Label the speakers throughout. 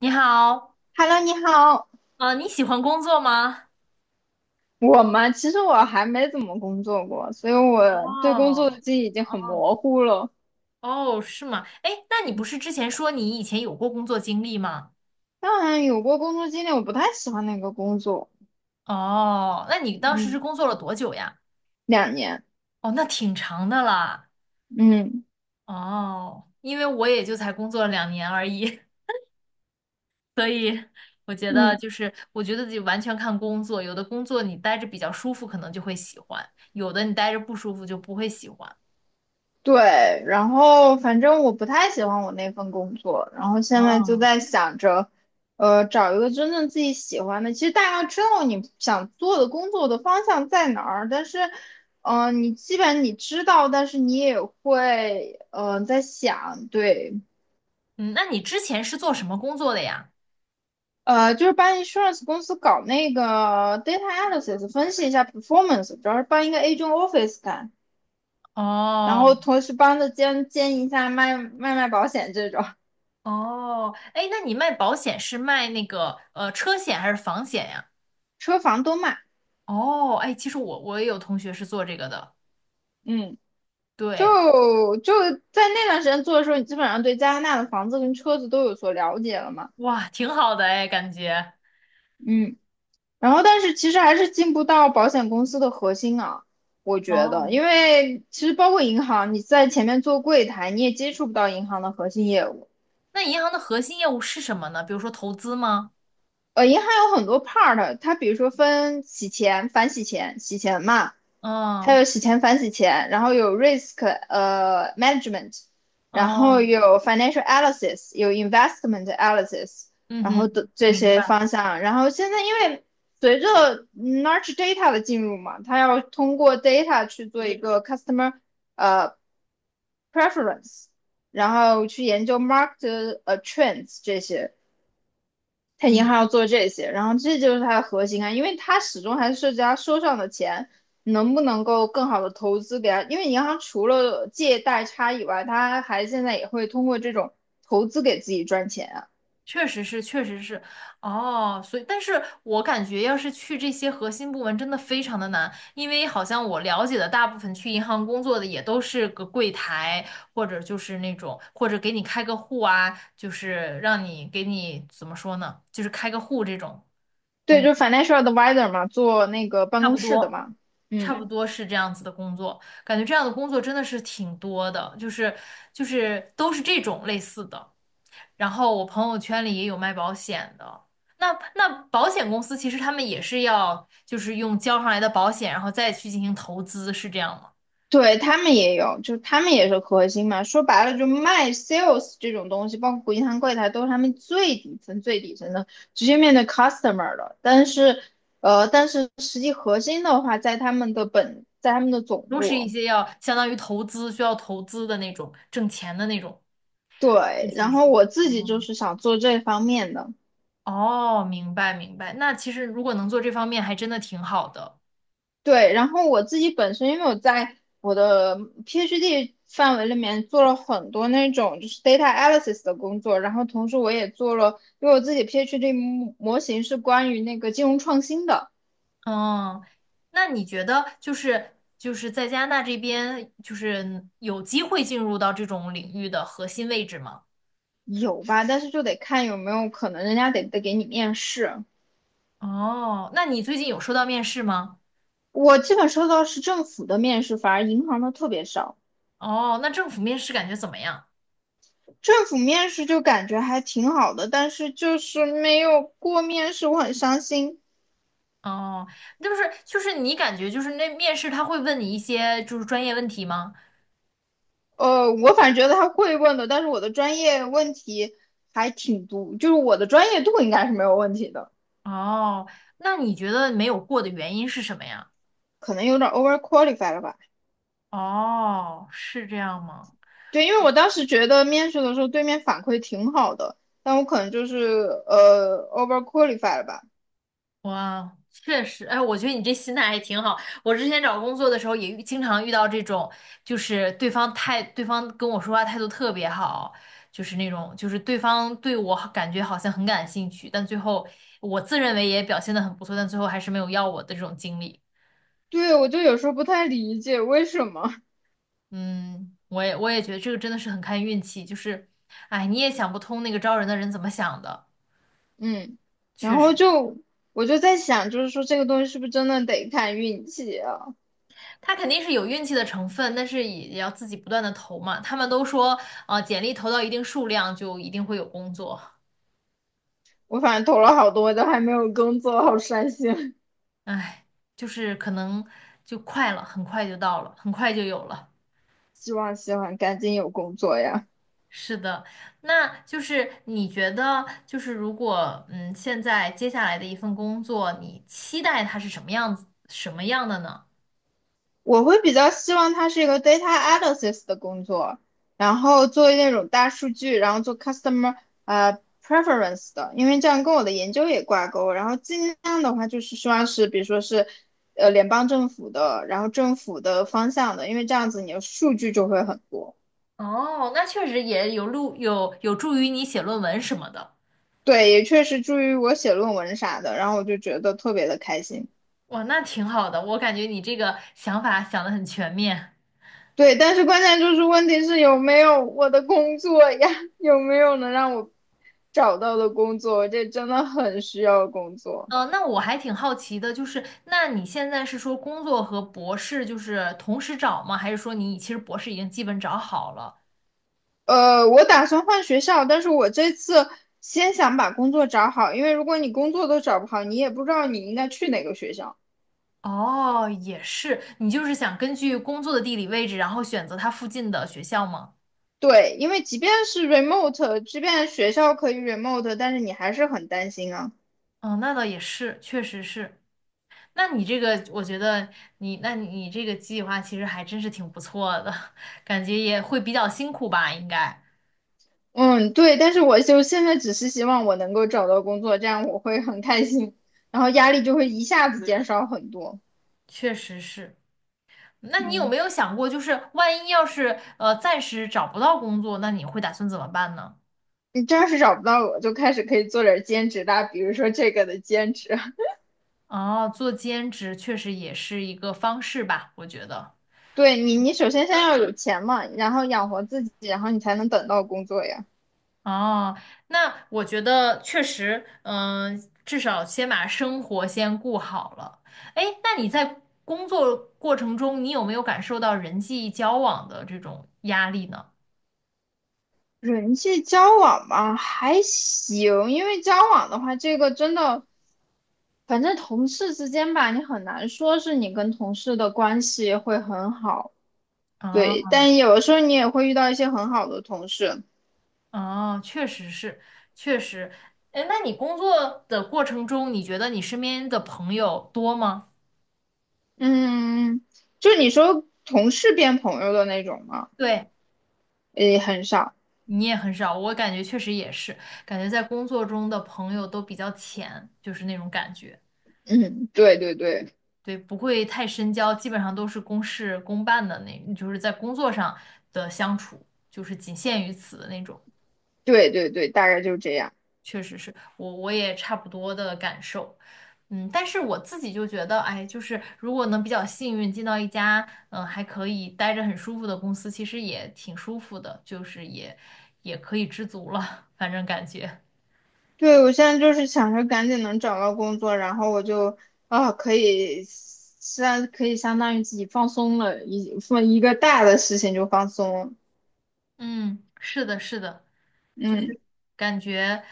Speaker 1: 你好，
Speaker 2: Hello，你好。
Speaker 1: 啊，你喜欢工作吗？
Speaker 2: 我嘛，其实我还没怎么工作过，所以我对工作的
Speaker 1: 哦
Speaker 2: 记忆已经很
Speaker 1: 哦
Speaker 2: 模糊了。
Speaker 1: 哦，是吗？哎，那你不是之前说你以前有过工作经历吗？
Speaker 2: 当然有过工作经历，我不太喜欢那个工作。
Speaker 1: 哦，那你当时是
Speaker 2: 嗯，
Speaker 1: 工作了多久呀？
Speaker 2: 2年。
Speaker 1: 哦，那挺长的啦。
Speaker 2: 嗯
Speaker 1: 哦，因为我也就才工作了2年而已，所以我觉得
Speaker 2: 嗯
Speaker 1: 就是，我觉得得完全看工作，有的工作你待着比较舒服，可能就会喜欢；有的你待着不舒服就不会喜欢。
Speaker 2: 对，然后反正我不太喜欢我那份工作，然后现在就
Speaker 1: 哦，
Speaker 2: 在想着，找一个真正自己喜欢的。其实大概知道你想做的工作的方向在哪儿，但是，你基本你知道，但是你也会，在想，对。
Speaker 1: 嗯，那你之前是做什么工作的呀？
Speaker 2: 就是帮 insurance 公司搞那个 data analysis，分析一下 performance，主要是帮一个 agent office 干，然
Speaker 1: 哦，
Speaker 2: 后同时帮着兼兼一下卖保险这种，
Speaker 1: 哦，哎，那你卖保险是卖那个车险还是房险呀？
Speaker 2: 车房都卖。
Speaker 1: 哦，哎，其实我也有同学是做这个的，
Speaker 2: 嗯，就
Speaker 1: 对，
Speaker 2: 就在那段时间做的时候，你基本上对加拿大的房子跟车子都有所了解了嘛。
Speaker 1: 哇，挺好的哎，感觉。
Speaker 2: 嗯，然后但是其实还是进不到保险公司的核心啊，我觉得，
Speaker 1: 哦，
Speaker 2: 因为其实包括银行，你在前面做柜台，你也接触不到银行的核心业务。
Speaker 1: 那银行的核心业务是什么呢？比如说投资吗？
Speaker 2: 银行有很多 part，它比如说分洗钱、反洗钱、洗钱嘛，还
Speaker 1: 嗯，
Speaker 2: 有洗钱、反洗钱，然后有 risk management，然后
Speaker 1: 哦，
Speaker 2: 有 financial analysis，有 investment analysis，
Speaker 1: 嗯
Speaker 2: 然后
Speaker 1: 哼，
Speaker 2: 的这
Speaker 1: 明
Speaker 2: 些
Speaker 1: 白。
Speaker 2: 方向。然后现在因为随着 large data 的进入嘛，它要通过 data 去做一个 customer 呃 preference，然后去研究 market trends 这些。他银
Speaker 1: 嗯。
Speaker 2: 行要做这些，然后这就是它的核心啊，因为它始终还是涉及他收上的钱能不能够更好的投资给他，因为银行除了借贷差以外，它还现在也会通过这种投资给自己赚钱啊。
Speaker 1: 确实是，确实是，哦，所以，但是我感觉要是去这些核心部门，真的非常的难，因为好像我了解的大部分去银行工作的也都是个柜台，或者就是那种，或者给你开个户啊，就是让你给你怎么说呢，就是开个户这种
Speaker 2: 对，
Speaker 1: 工，
Speaker 2: 就是 financial advisor 嘛，做那个办
Speaker 1: 差
Speaker 2: 公
Speaker 1: 不
Speaker 2: 室的
Speaker 1: 多，
Speaker 2: 嘛。
Speaker 1: 差不
Speaker 2: 嗯，
Speaker 1: 多是这样子的工作，感觉这样的工作真的是挺多的，就是都是这种类似的。然后我朋友圈里也有卖保险的。那保险公司其实他们也是要，就是用交上来的保险，然后再去进行投资，是这样吗？
Speaker 2: 对，他们也有，就他们也是核心嘛。说白了，就卖 sales 这种东西，包括银行柜台，都是他们最底层、最底层的，直接面对 customer 的。但是，但是实际核心的话，在他们的本，在他们的总
Speaker 1: 都是一
Speaker 2: 部。
Speaker 1: 些要相当于投资，需要投资的那种，挣钱的那种。是
Speaker 2: 对，然
Speaker 1: 是
Speaker 2: 后
Speaker 1: 是。
Speaker 2: 我自己就
Speaker 1: 嗯，
Speaker 2: 是想做这方面的。
Speaker 1: 哦，明白明白。那其实如果能做这方面，还真的挺好的。
Speaker 2: 对，然后我自己本身，因为我在我的 PhD 范围里面做了很多那种就是 data analysis 的工作，然后同时我也做了，因为我自己 PhD 模型是关于那个金融创新的。
Speaker 1: 嗯，那你觉得就是在加拿大这边，就是有机会进入到这种领域的核心位置吗？
Speaker 2: 有吧？但是就得看有没有可能人家得给你面试。
Speaker 1: 哦，那你最近有收到面试吗？
Speaker 2: 我基本收到是政府的面试，反而银行的特别少。
Speaker 1: 哦，那政府面试感觉怎么样？
Speaker 2: 政府面试就感觉还挺好的，但是就是没有过面试，我很伤心。
Speaker 1: 哦，就是你感觉就是那面试他会问你一些就是专业问题吗？
Speaker 2: 我反正觉得他会问的，但是我的专业问题还挺多，就是我的专业度应该是没有问题的。
Speaker 1: 哦，那你觉得没有过的原因是什么呀？
Speaker 2: 可能有点 over qualified 了吧？
Speaker 1: 哦，是这样吗？
Speaker 2: 对，因为我当时觉得面试的时候对面反馈挺好的，但我可能就是over qualified 了吧？
Speaker 1: 哇，确实，哎，我觉得你这心态还挺好。我之前找工作的时候也经常遇到这种，就是对方态，对方跟我说话态度特别好，就是那种，就是对方对我好感觉好像很感兴趣，但最后我自认为也表现的很不错，但最后还是没有要我的这种经历。
Speaker 2: 对，我就有时候不太理解为什么。
Speaker 1: 嗯，我也觉得这个真的是很看运气，就是，哎，你也想不通那个招人的人怎么想的，
Speaker 2: 嗯，然
Speaker 1: 确
Speaker 2: 后
Speaker 1: 实。
Speaker 2: 就我就在想，就是说这个东西是不是真的得看运气啊？
Speaker 1: 他肯定是有运气的成分，但是也要自己不断的投嘛。他们都说，简历投到一定数量就一定会有工作。
Speaker 2: 我反正投了好多，都还没有工作，好伤心。
Speaker 1: 哎，就是可能就快了，很快就到了，很快就有了。
Speaker 2: 希望赶紧有工作呀。
Speaker 1: 是的，那就是你觉得，就是如果现在接下来的一份工作，你期待它是什么样子，什么样的呢？
Speaker 2: 我会比较希望它是一个 data analysis 的工作，然后做那种大数据，然后做 customer preference 的，因为这样跟我的研究也挂钩。然后尽量的话就是希望是，比如说是联邦政府的，然后政府的方向的，因为这样子你的数据就会很多。
Speaker 1: 哦，那确实也有路，有助于你写论文什么的。
Speaker 2: 对，也确实助于我写论文啥的，然后我就觉得特别的开心。
Speaker 1: 哇，那挺好的，我感觉你这个想法想得很全面。
Speaker 2: 对，但是关键就是问题是有没有我的工作呀？有没有能让我找到的工作？这真的很需要工作。
Speaker 1: 那我还挺好奇的，就是那你现在是说工作和博士就是同时找吗？还是说你其实博士已经基本找好了？
Speaker 2: 我打算换学校，但是我这次先想把工作找好，因为如果你工作都找不好，你也不知道你应该去哪个学校。
Speaker 1: 哦，也是，你就是想根据工作的地理位置，然后选择它附近的学校吗？
Speaker 2: 对，因为即便是 remote，即便学校可以 remote，但是你还是很担心啊。
Speaker 1: 哦，那倒也是，确实是。那你这个，我觉得你，那你这个计划其实还真是挺不错的，感觉也会比较辛苦吧？应该，
Speaker 2: 嗯，对，但是我就现在只是希望我能够找到工作，这样我会很开心，然后压力就会一下子减少很多。
Speaker 1: 确实是。那你有
Speaker 2: 嗯，
Speaker 1: 没有想过，就是万一要是暂时找不到工作，那你会打算怎么办呢？
Speaker 2: 你这要是找不到我，就开始可以做点儿兼职啦，比如说这个的兼职。
Speaker 1: 哦，做兼职确实也是一个方式吧，我觉得。
Speaker 2: 对你，你首先先要有钱嘛，然后养活自己，然后你才能等到工作呀。
Speaker 1: 哦，那我觉得确实，至少先把生活先顾好了。哎，那你在工作过程中，你有没有感受到人际交往的这种压力呢？
Speaker 2: 人际交往嘛，还行，因为交往的话，这个真的，反正同事之间吧，你很难说是你跟同事的关系会很好。
Speaker 1: 啊？
Speaker 2: 对，但有的时候你也会遇到一些很好的同事。
Speaker 1: 哦，确实是，确实。哎，那你工作的过程中，你觉得你身边的朋友多吗？
Speaker 2: 嗯，就你说同事变朋友的那种吗？
Speaker 1: 对，
Speaker 2: 也很少。
Speaker 1: 你也很少，我感觉确实也是，感觉在工作中的朋友都比较浅，就是那种感觉。
Speaker 2: 嗯，对对对
Speaker 1: 对，不会太深交，基本上都是公事公办的那，就是在工作上的相处，就是仅限于此的那种。
Speaker 2: 对对对，大概就是这样。
Speaker 1: 确实是我也差不多的感受，嗯，但是我自己就觉得，哎，就是如果能比较幸运进到一家，嗯，还可以待着很舒服的公司，其实也挺舒服的，就是也可以知足了，反正感觉，
Speaker 2: 对，我现在就是想着赶紧能找到工作，然后我就啊可以相可以相当于自己放松了，一放一个大的事情就放松了。
Speaker 1: 嗯，是的，是的，就是
Speaker 2: 嗯，
Speaker 1: 感觉，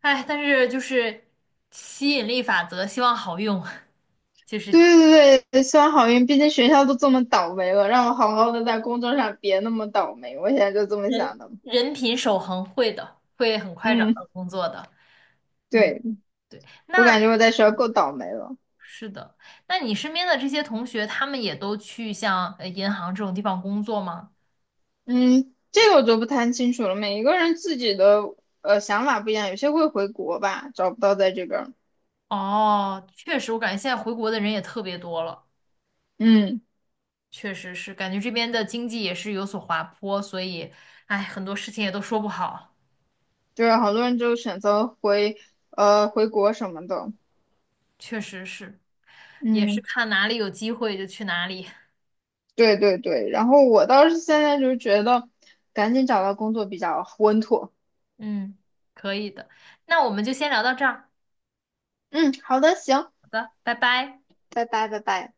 Speaker 1: 哎，但是就是吸引力法则，希望好用，就是
Speaker 2: 对对对，希望好运，毕竟学校都这么倒霉了，让我好好的在工作上别那么倒霉，我现在就这么
Speaker 1: 人
Speaker 2: 想的。
Speaker 1: 人品守恒会的，会很快找
Speaker 2: 嗯，
Speaker 1: 到工作的，嗯。
Speaker 2: 对，
Speaker 1: 对，
Speaker 2: 我
Speaker 1: 那
Speaker 2: 感觉我在学校够倒霉了。
Speaker 1: 是的，那你身边的这些同学，他们也都去像银行这种地方工作吗？
Speaker 2: 嗯，这个我就不太清楚了。每一个人自己的想法不一样，有些会回国吧，找不到在这边儿。
Speaker 1: 哦，确实，我感觉现在回国的人也特别多了，
Speaker 2: 嗯，
Speaker 1: 确实是，感觉这边的经济也是有所滑坡，所以，哎，很多事情也都说不好，
Speaker 2: 对，好多人就选择回国什么的。
Speaker 1: 确实是，也是
Speaker 2: 嗯，
Speaker 1: 看哪里有机会就去哪里，
Speaker 2: 对对对。然后我倒是现在就觉得，赶紧找到工作比较稳妥。
Speaker 1: 嗯，可以的，那我们就先聊到这儿，
Speaker 2: 嗯，好的，行，
Speaker 1: 好的，拜拜。
Speaker 2: 拜拜拜拜。